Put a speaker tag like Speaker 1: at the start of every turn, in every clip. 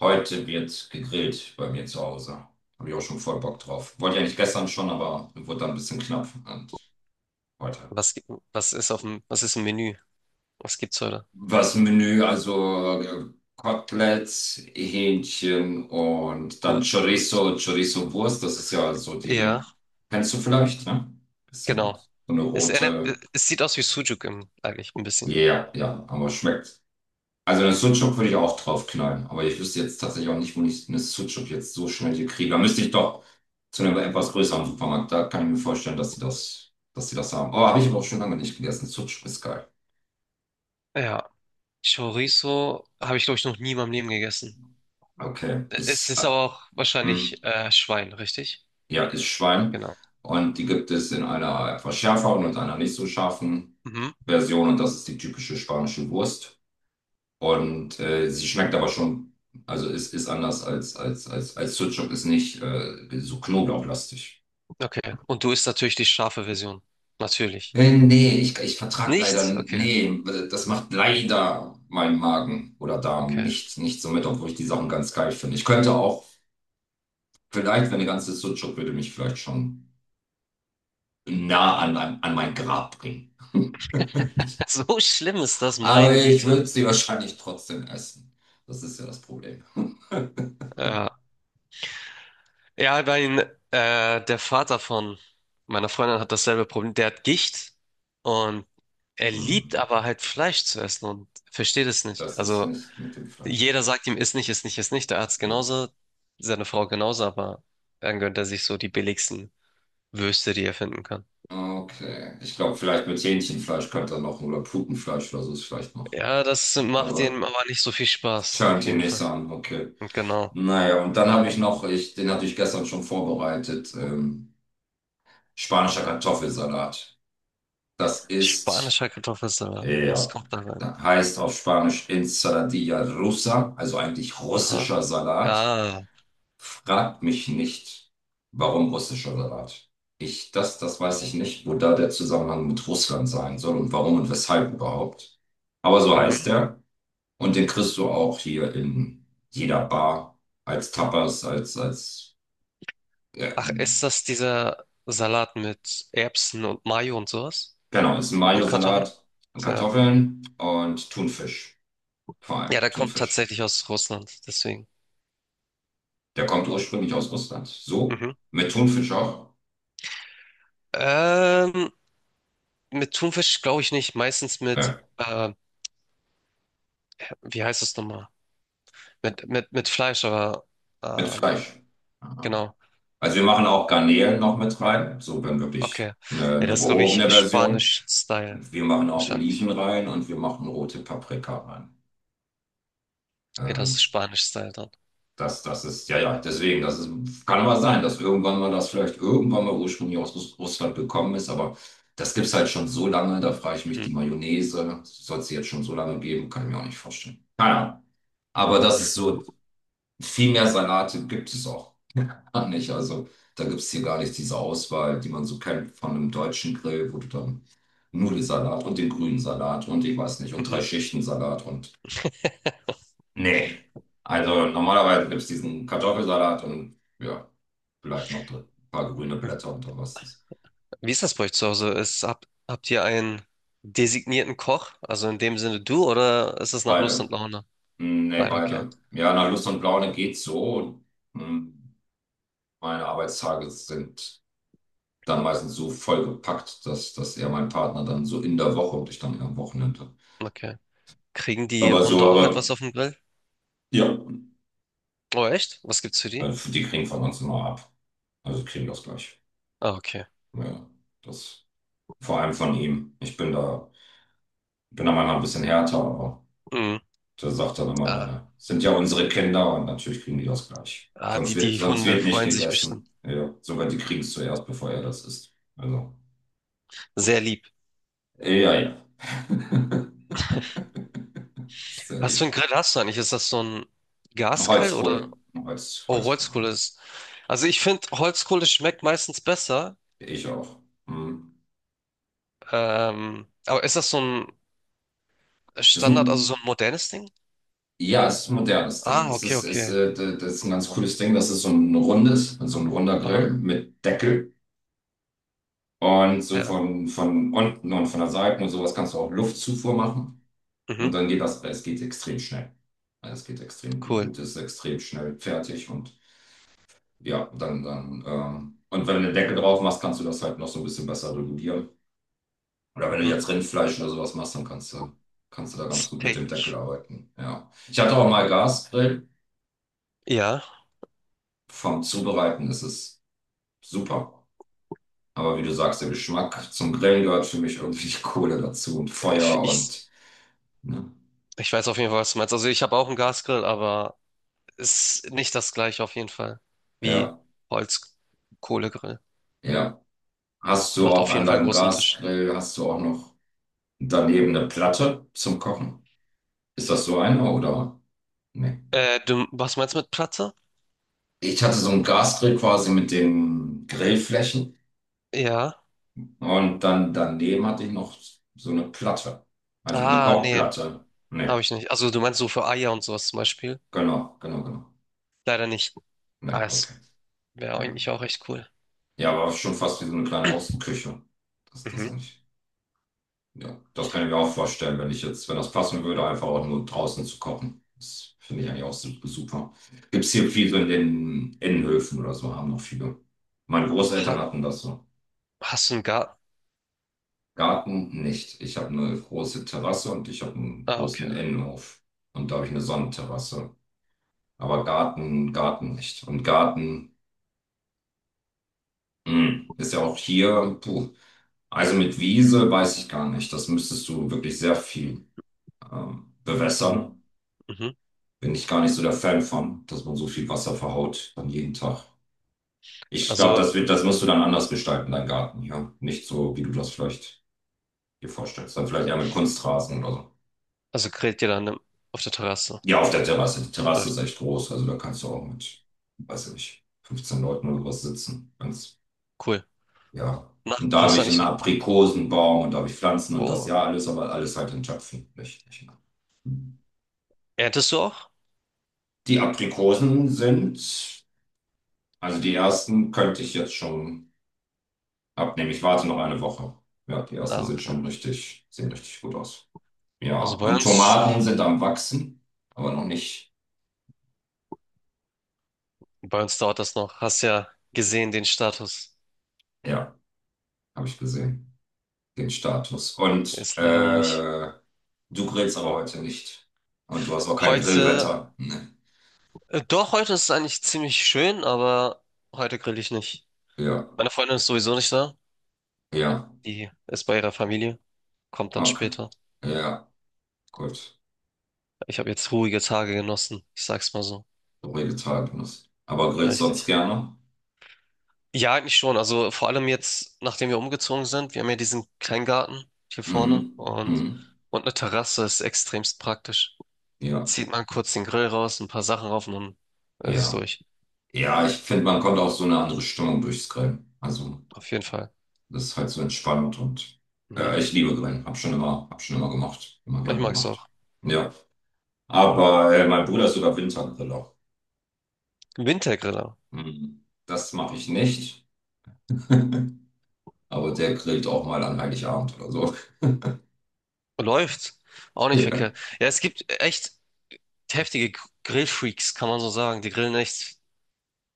Speaker 1: Heute wird gegrillt bei mir zu Hause. Habe ich auch schon voll Bock drauf. Wollte ich eigentlich gestern schon, aber wurde dann ein bisschen knapp. Und heute.
Speaker 2: Was gibt, was ist auf dem, was ist im Menü? Was gibt's heute?
Speaker 1: Was im Menü, also Koteletts, Hähnchen und dann
Speaker 2: Gut, gut.
Speaker 1: Chorizo-Wurst. Das ist ja so
Speaker 2: Ja,
Speaker 1: die, kennst du vielleicht, ne? Bisschen
Speaker 2: genau.
Speaker 1: so eine
Speaker 2: Es, erinnert-
Speaker 1: rote.
Speaker 2: Es sieht aus wie Sucuk im, eigentlich ein bisschen.
Speaker 1: Ja, ja, ja, aber schmeckt. Also den Sucuk würde ich auch drauf knallen, aber ich wüsste jetzt tatsächlich auch nicht, wo ich eine Sucuk jetzt so schnell hier kriege. Da müsste ich doch zu einem etwas größeren Supermarkt. Da kann ich mir vorstellen, dass sie das haben. Oh, habe ich aber auch schon lange nicht gegessen. Sucuk ist geil.
Speaker 2: Ja. Chorizo habe ich, glaube ich, noch nie in meinem Leben gegessen.
Speaker 1: Okay,
Speaker 2: Es
Speaker 1: ist,
Speaker 2: ist aber auch
Speaker 1: hm,
Speaker 2: wahrscheinlich Schwein, richtig?
Speaker 1: ja, ist Schwein.
Speaker 2: Genau.
Speaker 1: Und die gibt es in einer etwas schärferen und einer nicht so scharfen
Speaker 2: Mhm.
Speaker 1: Version. Und das ist die typische spanische Wurst. Und sie schmeckt aber schon, also ist anders als Sucuk, ist nicht so knoblauchlastig.
Speaker 2: Okay. Und du isst natürlich die scharfe Version. Natürlich.
Speaker 1: Nee, ich vertrag leider,
Speaker 2: Nicht? Okay,
Speaker 1: nee, also das macht leider mein Magen oder Darm
Speaker 2: okay.
Speaker 1: nicht so mit, obwohl ich die Sachen ganz geil finde. Ich könnte auch, vielleicht, wenn eine ganze Sucuk würde mich vielleicht schon nah an mein Grab bringen.
Speaker 2: So schlimm ist das,
Speaker 1: Aber
Speaker 2: meine
Speaker 1: ich
Speaker 2: Güte.
Speaker 1: würde sie wahrscheinlich trotzdem essen. Das ist ja das Problem.
Speaker 2: Ja. Ja, der Vater von meiner Freundin hat dasselbe Problem. Der hat Gicht und er liebt
Speaker 1: Hm,
Speaker 2: aber halt Fleisch zu essen und versteht es nicht.
Speaker 1: das ist
Speaker 2: Also
Speaker 1: nicht mit dem Fleisch.
Speaker 2: jeder sagt ihm, iss nicht, iss nicht, iss nicht. Der Arzt
Speaker 1: Hm.
Speaker 2: genauso, seine Frau genauso, aber dann gönnt er sich so die billigsten Würste, die er finden kann.
Speaker 1: Okay. Ich glaube, vielleicht mit Hähnchenfleisch könnte er noch oder Putenfleisch oder so ist vielleicht noch.
Speaker 2: Ja, das macht
Speaker 1: Aber
Speaker 2: ihm aber nicht so viel Spaß, auf
Speaker 1: turnt ihr
Speaker 2: jeden
Speaker 1: nicht so
Speaker 2: Fall.
Speaker 1: an, okay.
Speaker 2: Und genau.
Speaker 1: Naja, und dann habe ich noch, ich, den hatte ich gestern schon vorbereitet, spanischer Kartoffelsalat. Das ist,
Speaker 2: Spanischer Kartoffelsalat. Was
Speaker 1: ja,
Speaker 2: kommt da rein?
Speaker 1: heißt auf Spanisch Ensaladilla rusa, also eigentlich
Speaker 2: Aha.
Speaker 1: russischer Salat.
Speaker 2: Ah.
Speaker 1: Fragt mich nicht, warum russischer Salat. Ich, das weiß ich nicht, wo da der Zusammenhang mit Russland sein soll und warum und weshalb überhaupt. Aber so heißt
Speaker 2: Mhm.
Speaker 1: er. Und den kriegst du auch hier in jeder Bar als Tapas, als ja,
Speaker 2: Ach, ist das dieser Salat mit Erbsen und Mayo und sowas?
Speaker 1: genau, ist ein
Speaker 2: Und Kartoffeln?
Speaker 1: Mayo-Salat,
Speaker 2: Ja.
Speaker 1: Kartoffeln und Thunfisch. Vor
Speaker 2: Ja,
Speaker 1: allem
Speaker 2: der kommt
Speaker 1: Thunfisch.
Speaker 2: tatsächlich aus Russland, deswegen.
Speaker 1: Der kommt ursprünglich aus Russland. So?
Speaker 2: Mhm.
Speaker 1: Mit Thunfisch auch?
Speaker 2: Ähm, mit Thunfisch glaube ich nicht. Meistens mit,
Speaker 1: Ja,
Speaker 2: äh, wie heißt das nochmal? Mit Fleisch, aber
Speaker 1: mit
Speaker 2: ähm,
Speaker 1: Fleisch. Aha.
Speaker 2: genau.
Speaker 1: Also wir machen auch Garnelen noch mit rein. So, wenn
Speaker 2: Okay.
Speaker 1: wirklich eine,
Speaker 2: Ja,
Speaker 1: eine
Speaker 2: das ist, glaube ich,
Speaker 1: gehobene Version.
Speaker 2: Spanisch-Style
Speaker 1: Wir machen auch Oliven
Speaker 2: wahrscheinlich.
Speaker 1: rein und wir machen rote Paprika rein.
Speaker 2: Okay, das
Speaker 1: Ähm,
Speaker 2: ist Spanisch-Style dann.
Speaker 1: Das, das ist, ja, ja, deswegen, das ist, kann aber sein, dass irgendwann mal das vielleicht irgendwann mal ursprünglich aus Russland gekommen ist, aber das gibt es halt schon so lange, da frage ich mich,
Speaker 2: Mhm.
Speaker 1: die Mayonnaise, soll es jetzt schon so lange geben, kann ich mir auch nicht vorstellen. Keine Ahnung. Aber das ist so, viel mehr Salate gibt es auch gar nicht. Also da gibt es hier gar nicht diese Auswahl, die man so kennt von einem deutschen Grill, wo du dann Nudelsalat und den grünen Salat und ich weiß nicht, und drei Schichten Salat und nee. Also normalerweise gibt es diesen Kartoffelsalat und ja, vielleicht noch ein paar grüne
Speaker 2: Mhm.
Speaker 1: Blätter und dann was das.
Speaker 2: Wie ist das bei euch zu Hause? Ist, habt ihr einen designierten Koch? Also in dem Sinne du oder ist es nach Lust
Speaker 1: Beide.
Speaker 2: und Laune?
Speaker 1: Hm, nee,
Speaker 2: Beide, okay.
Speaker 1: beide. Ja, nach Lust und Laune geht's so. Hm, meine Arbeitstage sind dann meistens so vollgepackt, dass eher mein Partner dann so in der Woche und ich dann eher am Wochenende.
Speaker 2: Okay. Kriegen die
Speaker 1: Aber so,
Speaker 2: Hunde auch
Speaker 1: aber
Speaker 2: etwas auf dem Grill?
Speaker 1: ja,
Speaker 2: Oh, echt? Was gibt's für die?
Speaker 1: also die kriegen von uns immer ab. Also kriegen das gleich.
Speaker 2: Ah, okay.
Speaker 1: Ja, das vor allem von ihm. Ich bin da manchmal ein bisschen härter, aber.
Speaker 2: Mhm.
Speaker 1: Da sagt er immer, ne,
Speaker 2: Ah,
Speaker 1: ne. Sind ja unsere Kinder und natürlich kriegen die das gleich.
Speaker 2: ah, die, die
Speaker 1: Sonst
Speaker 2: Hunde
Speaker 1: wird nicht
Speaker 2: freuen sich bestimmt.
Speaker 1: gegessen. Ja, sogar die kriegen es zuerst, bevor er das isst. Also,
Speaker 2: Sehr lieb.
Speaker 1: ja, ja. Sehr
Speaker 2: Was
Speaker 1: lieb.
Speaker 2: für einen Grill hast du eigentlich? Ist das so ein Gasgrill oder?
Speaker 1: Holzkohle.
Speaker 2: Oh,
Speaker 1: Holzkohle.
Speaker 2: Holzkohle ist. Also ich finde, Holzkohle schmeckt meistens besser.
Speaker 1: Ich auch. Hm.
Speaker 2: Aber ist das so ein
Speaker 1: Das ist
Speaker 2: Standard, also so
Speaker 1: ein,
Speaker 2: ein modernes Ding?
Speaker 1: ja, es ist ein modernes Ding.
Speaker 2: Ah, okay, okay.
Speaker 1: Das ist ein ganz cooles Ding. Das ist so ein rundes, so ein runder
Speaker 2: Aha,
Speaker 1: Grill mit Deckel. Und so
Speaker 2: ja.
Speaker 1: von unten und von der Seite und sowas kannst du auch Luftzufuhr machen. Und
Speaker 2: Mhm,
Speaker 1: dann geht das, es geht extrem schnell. Also es geht extrem, die
Speaker 2: cool.
Speaker 1: Gute ist extrem schnell fertig und ja, dann, dann, und wenn du eine Decke drauf machst, kannst du das halt noch so ein bisschen besser regulieren. Oder wenn du
Speaker 2: Mhm.
Speaker 1: jetzt Rindfleisch oder sowas machst, dann kannst du da ganz gut mit dem
Speaker 2: Steak.
Speaker 1: Deckel arbeiten. Ja. Ich hatte auch mal Gasgrill.
Speaker 2: Ja,
Speaker 1: Vom Zubereiten ist es super. Aber wie du sagst, der Geschmack zum Grillen gehört für mich irgendwie die Kohle dazu und
Speaker 2: ich,
Speaker 1: Feuer
Speaker 2: ich,
Speaker 1: und, ne?
Speaker 2: ich weiß auf jeden Fall, was du meinst. Also ich habe auch einen Gasgrill, aber ist nicht das gleiche auf jeden Fall wie
Speaker 1: Ja,
Speaker 2: Holzkohlegrill.
Speaker 1: ja. Hast du
Speaker 2: Macht
Speaker 1: auch
Speaker 2: auf jeden
Speaker 1: an
Speaker 2: Fall einen
Speaker 1: deinem
Speaker 2: großen Unterschied.
Speaker 1: Gasgrill, hast du auch noch daneben eine Platte zum Kochen. Ist das so eine oder? Nee.
Speaker 2: Du, was meinst du mit Platte?
Speaker 1: Ich hatte so einen Gasgrill quasi mit den Grillflächen
Speaker 2: Ja.
Speaker 1: und dann daneben hatte ich noch so eine Platte. Also wie eine
Speaker 2: Ah, nee,
Speaker 1: Kochplatte. Nee,
Speaker 2: habe ich nicht. Also du meinst so für Eier und sowas zum Beispiel?
Speaker 1: genau, genau, genau.
Speaker 2: Leider nicht.
Speaker 1: Nee,
Speaker 2: Ah,
Speaker 1: okay.
Speaker 2: es wäre
Speaker 1: Ja,
Speaker 2: eigentlich auch echt cool.
Speaker 1: ja aber schon fast wie so eine kleine Außenküche. Das ist das
Speaker 2: Mhm.
Speaker 1: eigentlich. Ja, das kann ich mir auch vorstellen, wenn ich jetzt, wenn das passen würde, einfach auch nur draußen zu kochen. Das finde ich eigentlich auch super. Gibt es hier viel so in den Innenhöfen oder so, haben noch viele. Meine
Speaker 2: Ha,
Speaker 1: Großeltern hatten das so.
Speaker 2: hast du einen Garten?
Speaker 1: Garten nicht. Ich habe eine große Terrasse und ich habe einen
Speaker 2: Ah, okay.
Speaker 1: großen Innenhof. Und da habe ich eine Sonnenterrasse. Aber Garten, Garten nicht. Und Garten, mh, ist ja auch hier, puh. Also mit Wiese weiß ich gar nicht. Das müsstest du wirklich sehr viel
Speaker 2: Mhm.
Speaker 1: bewässern.
Speaker 2: Mhm.
Speaker 1: Bin ich gar nicht so der Fan von, dass man so viel Wasser verhaut dann jeden Tag. Ich glaube,
Speaker 2: Also,
Speaker 1: das musst du dann anders gestalten, deinen Garten, ja. Nicht so, wie du das vielleicht dir vorstellst. Dann vielleicht eher mit Kunstrasen oder so.
Speaker 2: also grillt ihr dann auf der Terrasse.
Speaker 1: Ja, auf der Terrasse. Die
Speaker 2: Ja,
Speaker 1: Terrasse ist echt groß, also da kannst du auch mit, weiß ich nicht, 15 Leuten oder sowas sitzen. Ganz,
Speaker 2: cool.
Speaker 1: ja.
Speaker 2: Na,
Speaker 1: Und da habe
Speaker 2: hast du
Speaker 1: ich einen
Speaker 2: eigentlich ein...
Speaker 1: Aprikosenbaum und da habe ich Pflanzen und das
Speaker 2: Oh,
Speaker 1: ja alles, aber alles halt in Töpfen. Nicht, nicht.
Speaker 2: erntest du auch?
Speaker 1: Die Aprikosen sind, also die ersten könnte ich jetzt schon. Abnehmen. Ich warte noch eine Woche. Ja, die ersten
Speaker 2: Ah,
Speaker 1: sind
Speaker 2: okay.
Speaker 1: schon richtig, sehen richtig gut aus. Ja,
Speaker 2: Also bei
Speaker 1: und
Speaker 2: uns,
Speaker 1: Tomaten sind am Wachsen, aber noch nicht.
Speaker 2: bei uns dauert das noch. Hast ja gesehen, den Status.
Speaker 1: Ja, habe ich gesehen, den Status. Und
Speaker 2: Ist leider noch nicht.
Speaker 1: du grillst aber heute nicht. Und du hast auch kein
Speaker 2: Heute,
Speaker 1: Grillwetter. Nee.
Speaker 2: doch, heute ist es eigentlich ziemlich schön, aber heute grill ich nicht.
Speaker 1: Ja,
Speaker 2: Meine Freundin ist sowieso nicht da.
Speaker 1: ja,
Speaker 2: Die ist bei ihrer Familie. Kommt dann
Speaker 1: okay.
Speaker 2: später.
Speaker 1: Ja, gut.
Speaker 2: Ich habe jetzt ruhige Tage genossen. Ich sag's mal so.
Speaker 1: So Vegetarier. Aber grillst sonst
Speaker 2: Richtig.
Speaker 1: gerne?
Speaker 2: Ja, eigentlich schon. Also vor allem jetzt, nachdem wir umgezogen sind, wir haben ja diesen Kleingarten hier vorne
Speaker 1: Mhm. Mhm.
Speaker 2: und eine Terrasse ist extremst praktisch.
Speaker 1: Ja,
Speaker 2: Zieht man kurz den Grill raus, ein paar Sachen rauf und dann ist es
Speaker 1: ja.
Speaker 2: durch.
Speaker 1: Ja, ich finde, man kommt auch so eine andere Stimmung durchs Grillen. Also.
Speaker 2: Auf jeden Fall.
Speaker 1: Das ist halt so entspannt und
Speaker 2: Mhm.
Speaker 1: ich liebe Grillen. Hab schon immer gemacht. Immer
Speaker 2: Ich
Speaker 1: gern
Speaker 2: mag's
Speaker 1: gemacht.
Speaker 2: auch.
Speaker 1: Ja. Aber mein Bruder ist sogar Wintergriller.
Speaker 2: Wintergriller.
Speaker 1: Hm. Das mache ich nicht. Aber der grillt auch mal an Heiligabend oder so.
Speaker 2: Läuft. Auch nicht
Speaker 1: Ja.
Speaker 2: verkehrt. Ja, es gibt echt heftige Grillfreaks, kann man so sagen. Die grillen echt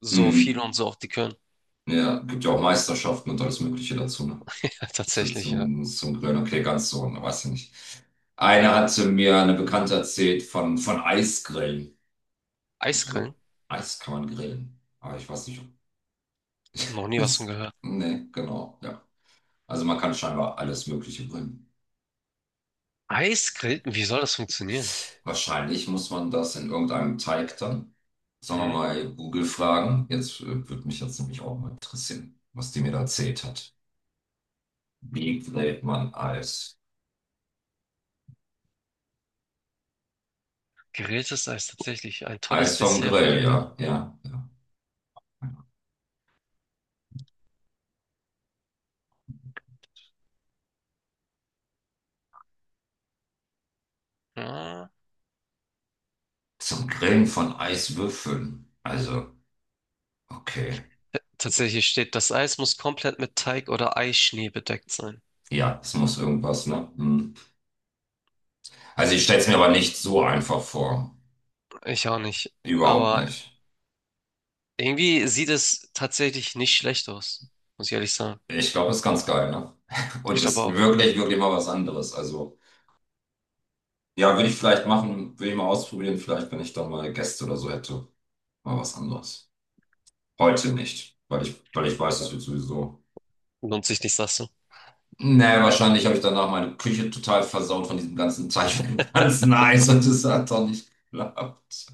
Speaker 2: so viel und
Speaker 1: Hm.
Speaker 2: so auch die können.
Speaker 1: Ja, gibt ja auch Meisterschaften und alles Mögliche dazu, ne?
Speaker 2: Ja,
Speaker 1: Zu,
Speaker 2: tatsächlich, ja.
Speaker 1: zum Grillen. Okay, ganz so, ne, weiß ich nicht. Einer hatte mir eine Bekannte erzählt von Eisgrillen. Muss man
Speaker 2: Eisgrillen?
Speaker 1: so Eis kann man grillen. Aber ich weiß nicht,
Speaker 2: Noch nie was von
Speaker 1: ist,
Speaker 2: gehört.
Speaker 1: nee, genau, ja. Also man kann scheinbar alles Mögliche bringen.
Speaker 2: Eisgrillen? Wie soll das funktionieren?
Speaker 1: Wahrscheinlich muss man das in irgendeinem Teig dann, sagen wir
Speaker 2: Mhm.
Speaker 1: mal, Google fragen. Jetzt würde mich jetzt nämlich auch mal interessieren, was die mir da erzählt hat. Wie grillt man Eis?
Speaker 2: Gegrilltes Eis, tatsächlich. Ein tolles
Speaker 1: Eis vom
Speaker 2: Dessert für den
Speaker 1: Grill, ja,
Speaker 2: Grillabend.
Speaker 1: ja, ja.
Speaker 2: Ja.
Speaker 1: Zum Grillen von Eiswürfeln. Also, okay.
Speaker 2: Tatsächlich steht, das Eis muss komplett mit Teig oder Eischnee bedeckt sein.
Speaker 1: Ja, es muss irgendwas, ne? Hm. Also ich stelle es mir aber nicht so einfach vor.
Speaker 2: Ich auch nicht.
Speaker 1: Überhaupt
Speaker 2: Aber
Speaker 1: nicht.
Speaker 2: irgendwie sieht es tatsächlich nicht schlecht aus. Muss ich ehrlich sagen.
Speaker 1: Ich glaube, ist ganz geil, ne?
Speaker 2: Ich
Speaker 1: Und
Speaker 2: glaube
Speaker 1: ist
Speaker 2: auch.
Speaker 1: wirklich, wirklich mal was anderes. Also, ja, würde ich vielleicht machen, würde ich mal ausprobieren, vielleicht, wenn ich dann mal Gäste oder so hätte. Mal was anderes. Heute nicht, weil ich weiß, das wird sowieso.
Speaker 2: Lohnt sich nicht, sagst du?
Speaker 1: Nee, wahrscheinlich habe ich danach meine Küche total versaut von diesem ganzen Teich, von dem ganzen Eis und es hat doch nicht geklappt.